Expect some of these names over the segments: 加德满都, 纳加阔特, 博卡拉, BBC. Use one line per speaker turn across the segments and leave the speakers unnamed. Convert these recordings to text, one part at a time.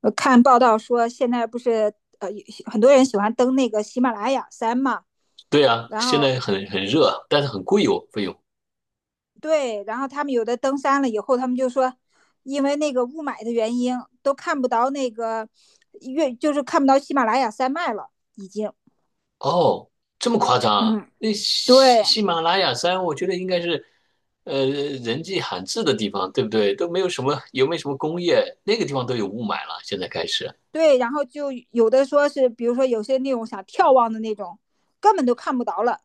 我看报道说，现在不是呃很多人喜欢登那个喜马拉雅山嘛，
对啊，
然
现
后
在很热啊，但是很贵哦，费用。
对，然后他们有的登山了以后，他们就说，因为那个雾霾的原因，都看不到那个月，就是看不到喜马拉雅山脉了，已经。
哦，这么夸张啊？
嗯，
那喜
对
喜马拉雅山，我觉得应该是，人迹罕至的地方，对不对？都没有什么，有没有什么工业？那个地方都有雾霾了，现在开始。
对，然后就有的说是，比如说有些那种想眺望的那种，根本都看不到了。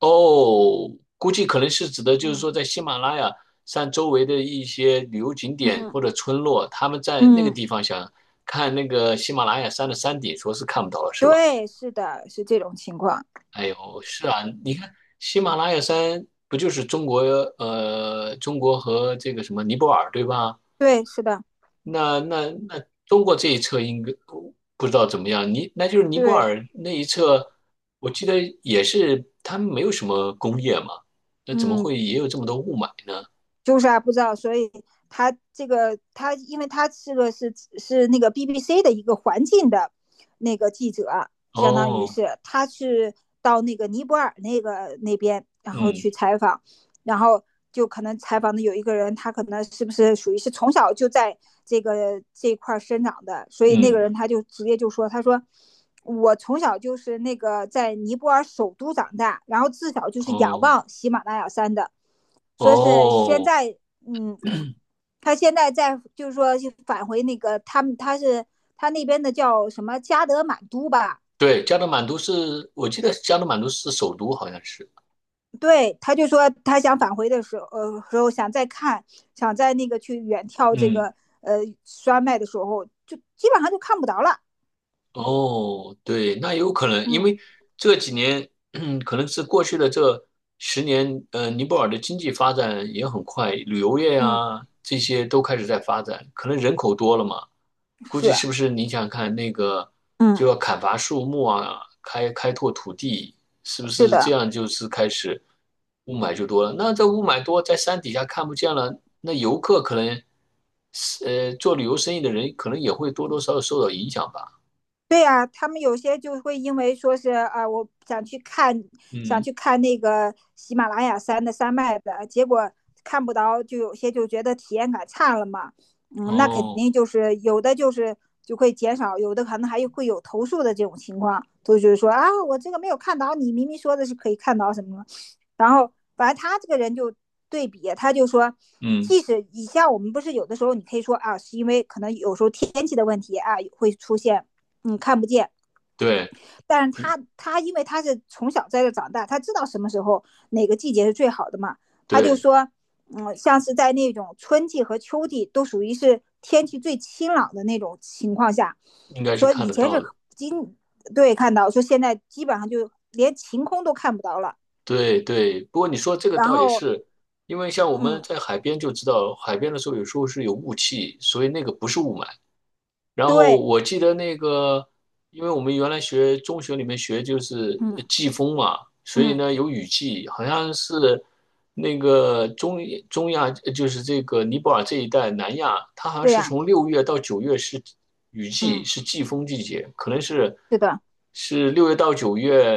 哦，估计可能是指的就是说，
嗯
在喜马拉雅山周围的一些旅游景点
嗯
或者村落，他们在那个
嗯，
地方想看那个喜马拉雅山的山顶，说是看不到了，是吧？
对，是的，是这种情况。
哎呦，是啊，你看喜马拉雅山不就是中国中国和这个什么尼泊尔对吧？
对，是的，
那中国这一侧应该不知道怎么样，那就是尼泊
对，
尔那一侧，我记得也是他们没有什么工业嘛，那怎么
嗯。
会也有这么多雾霾呢？
就是啊，不知道，所以他这个他，因为他是个是是那个 BBC 的一个环境的那个记者啊，相当于
哦，
是他是到那个尼泊尔那个那边，然后
嗯
去采访，然后就可能采访的有一个人，他可能是不是属于是从小就在这块生长的，所以那个
嗯，
人他就直接就说，他说。我从小就是那个在尼泊尔首都长大，然后自小就是仰
哦
望喜马拉雅山的，说是现
哦，
在，嗯，他现在在就是说返回那个他们他是他那边的叫什么加德满都吧？
对，加德满都是，我记得加德满都是首都，好像是，
对，他就说他想返回的时候，时候想再看，想在那个去远眺这个
嗯。
山脉的时候，就基本上就看不着了。
哦，对，那有可能，因
嗯
为这几年，可能是过去的这10年，尼泊尔的经济发展也很快，旅游业
嗯，
啊，这些都开始在发展，可能人口多了嘛，估计
是，
是不是你想看那个就
嗯
要砍伐树木啊，开拓土地，是不
是
是这
的，
样就是开始雾霾就多了？那这雾霾多，在山底下看不见了，那游客可能，做旅游生意的人可能也会多多少少受到影响吧，
对呀、他们有些就会因为说是啊，我想去看，想
嗯。
去看那个喜马拉雅山的山脉的，结果看不到，就有些就觉得体验感差了嘛。嗯，那肯
哦，
定就是有的就是就会减少，有的可能还会有投诉的这种情况，都就是说啊，我这个没有看到，你明明说的是可以看到什么什么，然后反正他这个人就对比，他就说，
嗯，
即使以下我们不是有的时候你可以说啊，是因为可能有时候天气的问题啊会出现。嗯，看不见。
对
但是他因为他是从小在这长大，他知道什么时候哪个季节是最好的嘛。他就
对，
说，嗯，像是在那种春季和秋季都属于是天气最清朗的那种情况下，
应该是
说
看
以
得
前是
到的。
今对看到说现在基本上就连晴空都看不到了。
对对，不过你说这个
然
倒也
后，
是，因为像我们
嗯，
在海边就知道，海边的时候有时候是有雾气，所以那个不是雾霾，然后
对，
我记得那个，因为我们原来学中学里面学就是
嗯
季风嘛，所以
嗯，
呢有雨季，好像是那个中亚，就是这个尼泊尔这一带南亚，它好像
对
是
呀、
从六月到九月是雨季，
嗯，
是季风季节，可能是
是的，
是六月到九月，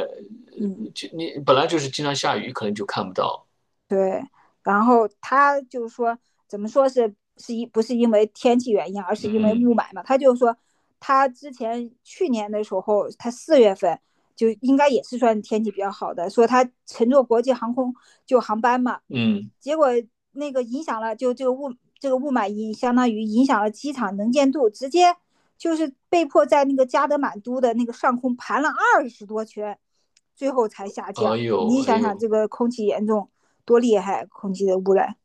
嗯。
就你本来就是经常下雨，可能就看不到。
对，然后他就说，怎么说是不是因为天气原因，而是因为
嗯
雾霾嘛？他就说，他之前去年的时候，他四月份就应该也是算天气比较好的，说他乘坐国际航空就航班嘛，
嗯，
结果那个影响了，就这个雾霾相当于影响了机场能见度，直接就是被迫在那个加德满都的那个上空盘了20多圈，最后才下
哎
降。
呦
你
哎
想想，
呦，
这个空气严重多厉害啊，空气的污染，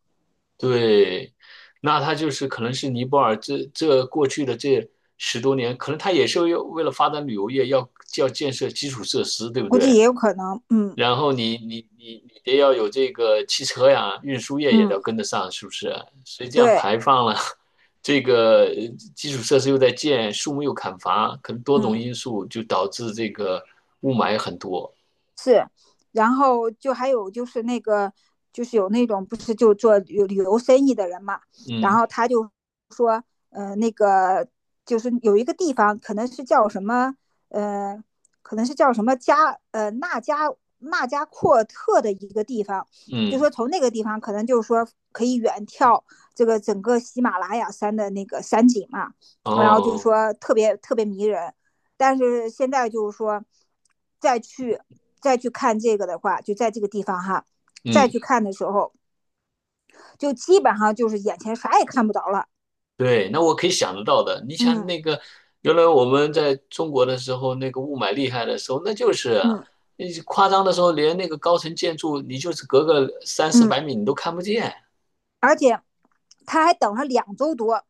对，那他就是可能是尼泊尔这过去的这10多年，可能他也是要为了发展旅游业要，要建设基础设施，对不
估计
对？
也有可能。嗯
然后你得要有这个汽车呀，运输业也得
嗯，
要跟得上，是不是？所以这样
对，
排放了，这个基础设施又在建，树木又砍伐，可能多种
嗯。
因素就导致这个雾霾很多。
是，然后就还有就是那个，就是有那种不是就做旅游生意的人嘛，然
嗯
后他就说，那个就是有一个地方可能是叫什么，呃，可能是叫什么纳加阔特的一个地方，就
嗯，
说从那个地方可能就是说可以远眺这个整个喜马拉雅山的那个山景嘛，然后就
哦，
说特别特别迷人，但是现在就是说，再去再去看这个的话，就在这个地方哈，再去
嗯。
看的时候，就基本上就是眼前啥也看不着了。
对，那我可以想得到的。你想
嗯
那个，原来我们在中国的时候，那个雾霾厉害的时候，那就是啊
嗯
那是夸张的时候，连那个高层建筑，你就是隔个三四
嗯，
百米你都看不见。
而且他还等了2周多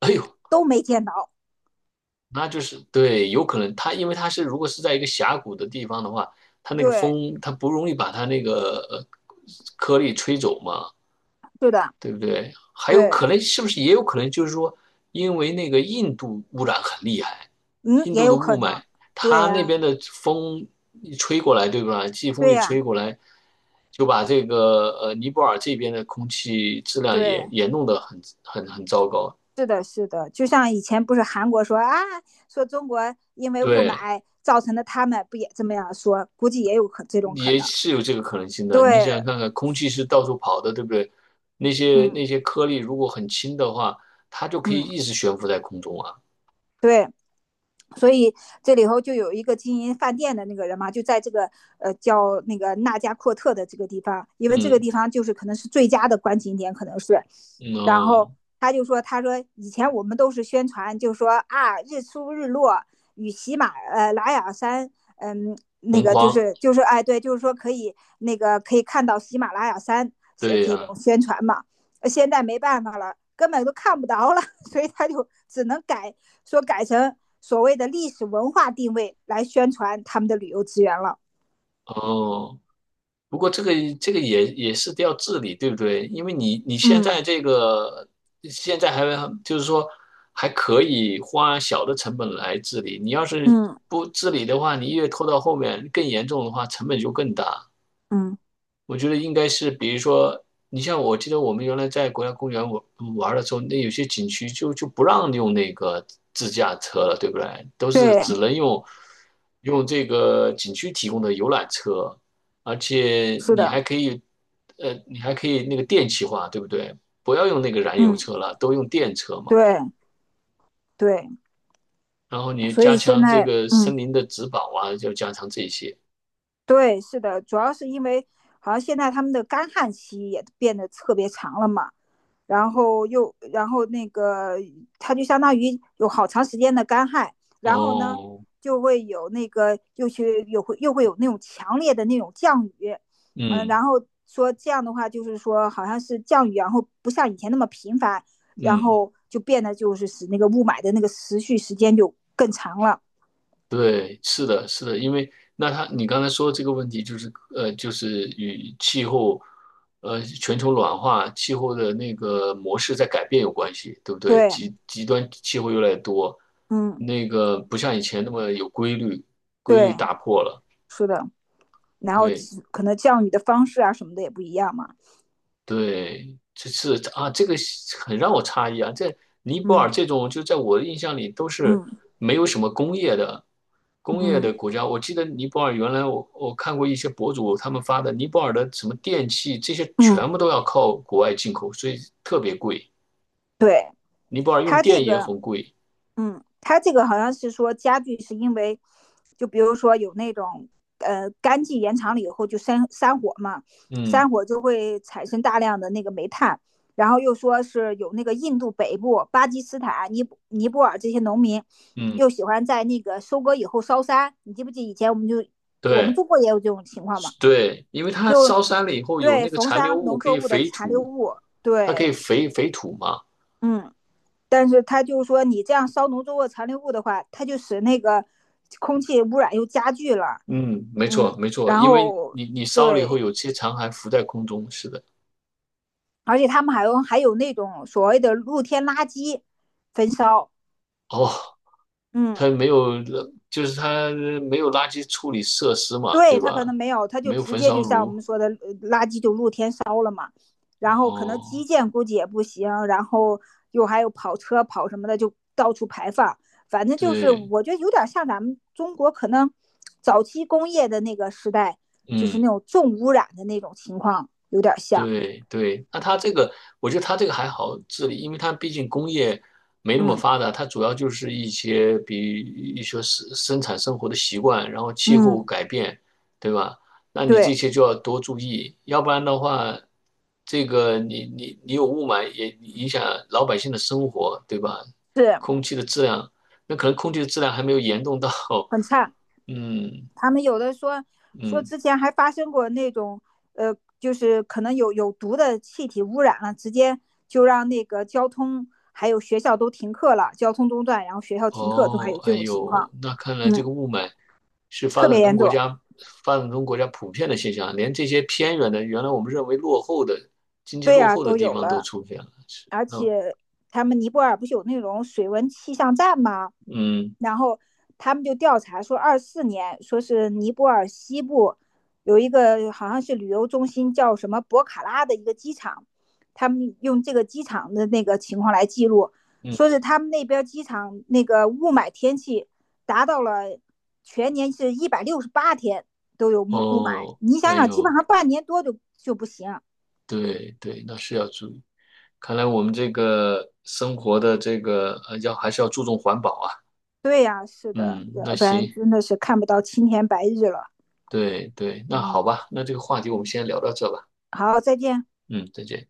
哎呦，
都没见到。
那就是对，有可能它因为它是如果是在一个峡谷的地方的话，它那个
对，
风它不容易把它那个颗粒吹走嘛。
是的，
对不对？还有
对，
可能是不是也有可能就是说，因为那个印度污染很厉害，
嗯，
印
也
度的
有可
雾
能。
霾，
对
它那
呀、
边的风一吹过来，对吧？季风
对
一
呀、
吹过来，就把这个尼泊尔这边的空气质量
对，
也弄得很糟糕。
是的，是的，就像以前不是韩国说啊，说中国因为雾
对，
霾造成的，他们不也这么样说？估计也有可这种可
也
能。
是有这个可能性的。你
对，
想看看，空气是到处跑的，对不对？那些
嗯。
那些颗粒如果很轻的话，它就可以
嗯，
一直悬浮在空中啊。
对，所以这里头就有一个经营饭店的那个人嘛，就在这个叫那个纳加阔特的这个地方，因为这个
嗯，
地方就是可能是最佳的观景点，可能是。
嗯
然后
哦，
他就说，他说以前我们都是宣传，就说啊日出日落与拉雅山，嗯，那
红
个就
框。
是就是哎对，就是说可以看到喜马拉雅山
对
这种
呀，
宣传嘛。呃现在没办法了，根本都看不着了，所以他就只能改成。所谓的历史文化定位来宣传他们的旅游资源了。
哦，不过这个也是得要治理，对不对？因为你现
嗯
在这个现在还就是说还可以花小的成本来治理，你要是
嗯
不治理的话，你越拖到后面更严重的话，成本就更大。
嗯，
我觉得应该是，比如说，你像我记得我们原来在国家公园玩玩的时候，那有些景区就不让用那个自驾车了，对不对？都是
对，
只能用这个景区提供的游览车，而且
是
你
的，
还可以，你还可以那个电气化，对不对？不要用那个燃油
嗯，
车了，都用电车嘛。
对对，
然后你
所
加
以现
强这
在
个
嗯。
森林的植保啊，就加强这些。
对，是的，主要是因为好像现在他们的干旱期也变得特别长了嘛，然后又然后那个它就相当于有好长时间的干旱，然后呢
哦，
就会有那个又会有那种强烈的那种降雨，嗯，
嗯
然后说这样的话就是说好像是降雨，然后不像以前那么频繁，然
嗯。
后就变得就是使那个雾霾的那个持续时间就更长了。
对，是的，是的，因为那他你刚才说这个问题就是就是与气候，全球暖化、气候的那个模式在改变有关系，对不对？
对，
极端气候越来越多，
嗯，
那个不像以前那么有规律，规律
对，
打破了。
是的。然后
对，
可能教育的方式啊什么的也不一样嘛。
对，这是啊，这个很让我诧异啊，在尼泊
嗯
尔这种就在我的印象里都是
嗯
没有什么工业的
嗯
国家。我记得尼泊尔原来我看过一些博主他们发的尼泊尔的什么电器这些
嗯，
全部都要靠国外进口，所以特别贵。
对
尼泊尔用
他这
电也
个，
很贵。
嗯，他这个好像是说家具是因为，就比如说有那种干季延长了以后就山火嘛，
嗯
山火就会产生大量的那个煤炭，然后又说是有那个印度北部、巴基斯坦、尼泊尔这些农民，
嗯，
又喜欢在那个收割以后烧山，你记不记以前我们
对
中国也有这种情况嘛？
对，因为它烧山了以后有
对
那个
焚
残
烧
留物
农
可
作
以
物的
肥
残留
土，
物，
它可以
对，
肥土嘛。
嗯，但是他就是说你这样烧农作物残留物的话，它就使那个空气污染又加剧了，
嗯，没错，
嗯，
没错，
然
因为
后
你烧了以后，
对，
有些残骸浮在空中，是的。
而且他们还有那种所谓的露天垃圾焚烧，
哦，
嗯，
它没有，就是它没有垃圾处理设施嘛，
对
对
他可能
吧？
没有，他就
没有
直
焚
接就
烧
像我
炉。
们说的，呃垃圾就露天烧了嘛。然后可能基
哦，
建估计也不行，然后又还有跑车跑什么的，就到处排放。反正就是
对，
我觉得有点像咱们中国可能早期工业的那个时代，就是那
嗯。
种重污染的那种情况有点像。
对对，那它这个，我觉得它这个还好治理，因为它毕竟工业没那么
嗯
发达，它主要就是一些比一些生产生活的习惯，然后气候
嗯，
改变，对吧？那你
对，
这些就要多注意，要不然的话，这个你有雾霾也影响老百姓的生活，对吧？
是
空气的质量，那可能空气的质量还没有严重到，
很差。
嗯
他们有的说说
嗯。
之前还发生过那种，就是可能有有毒的气体污染了，直接就让那个交通还有学校都停课了，交通中断，然后学校停课都还有
哦，
这
哎
种情
呦，
况，
那看来这个
嗯，
雾霾是发
特别
展
严
中国
重。
家普遍的现象啊，连这些偏远的，原来我们认为落后的经济
对
落
呀、
后的
都
地
有
方都
了，
出现了。是，
而
那
且他们尼泊尔不是有那种水文气象站吗？
嗯
然后他们就调查说，24年说是尼泊尔西部有一个好像是旅游中心叫什么博卡拉的一个机场，他们用这个机场的那个情况来记录，
嗯，
说是他们那边机场那个雾霾天气达到了全年是168天都有雾霾，
哦，
你想
哎
想，基本
呦，
上半年多就就不行。
对对，那是要注意。看来我们这个生活的这个要还是要注重环保啊。
对呀、啊是的，
嗯，
要
那
不然
行，
真的是看不到青天白日了。
对对，那好
嗯，
吧，那这个话题我们先聊到这吧。
好，再见。
嗯，再见。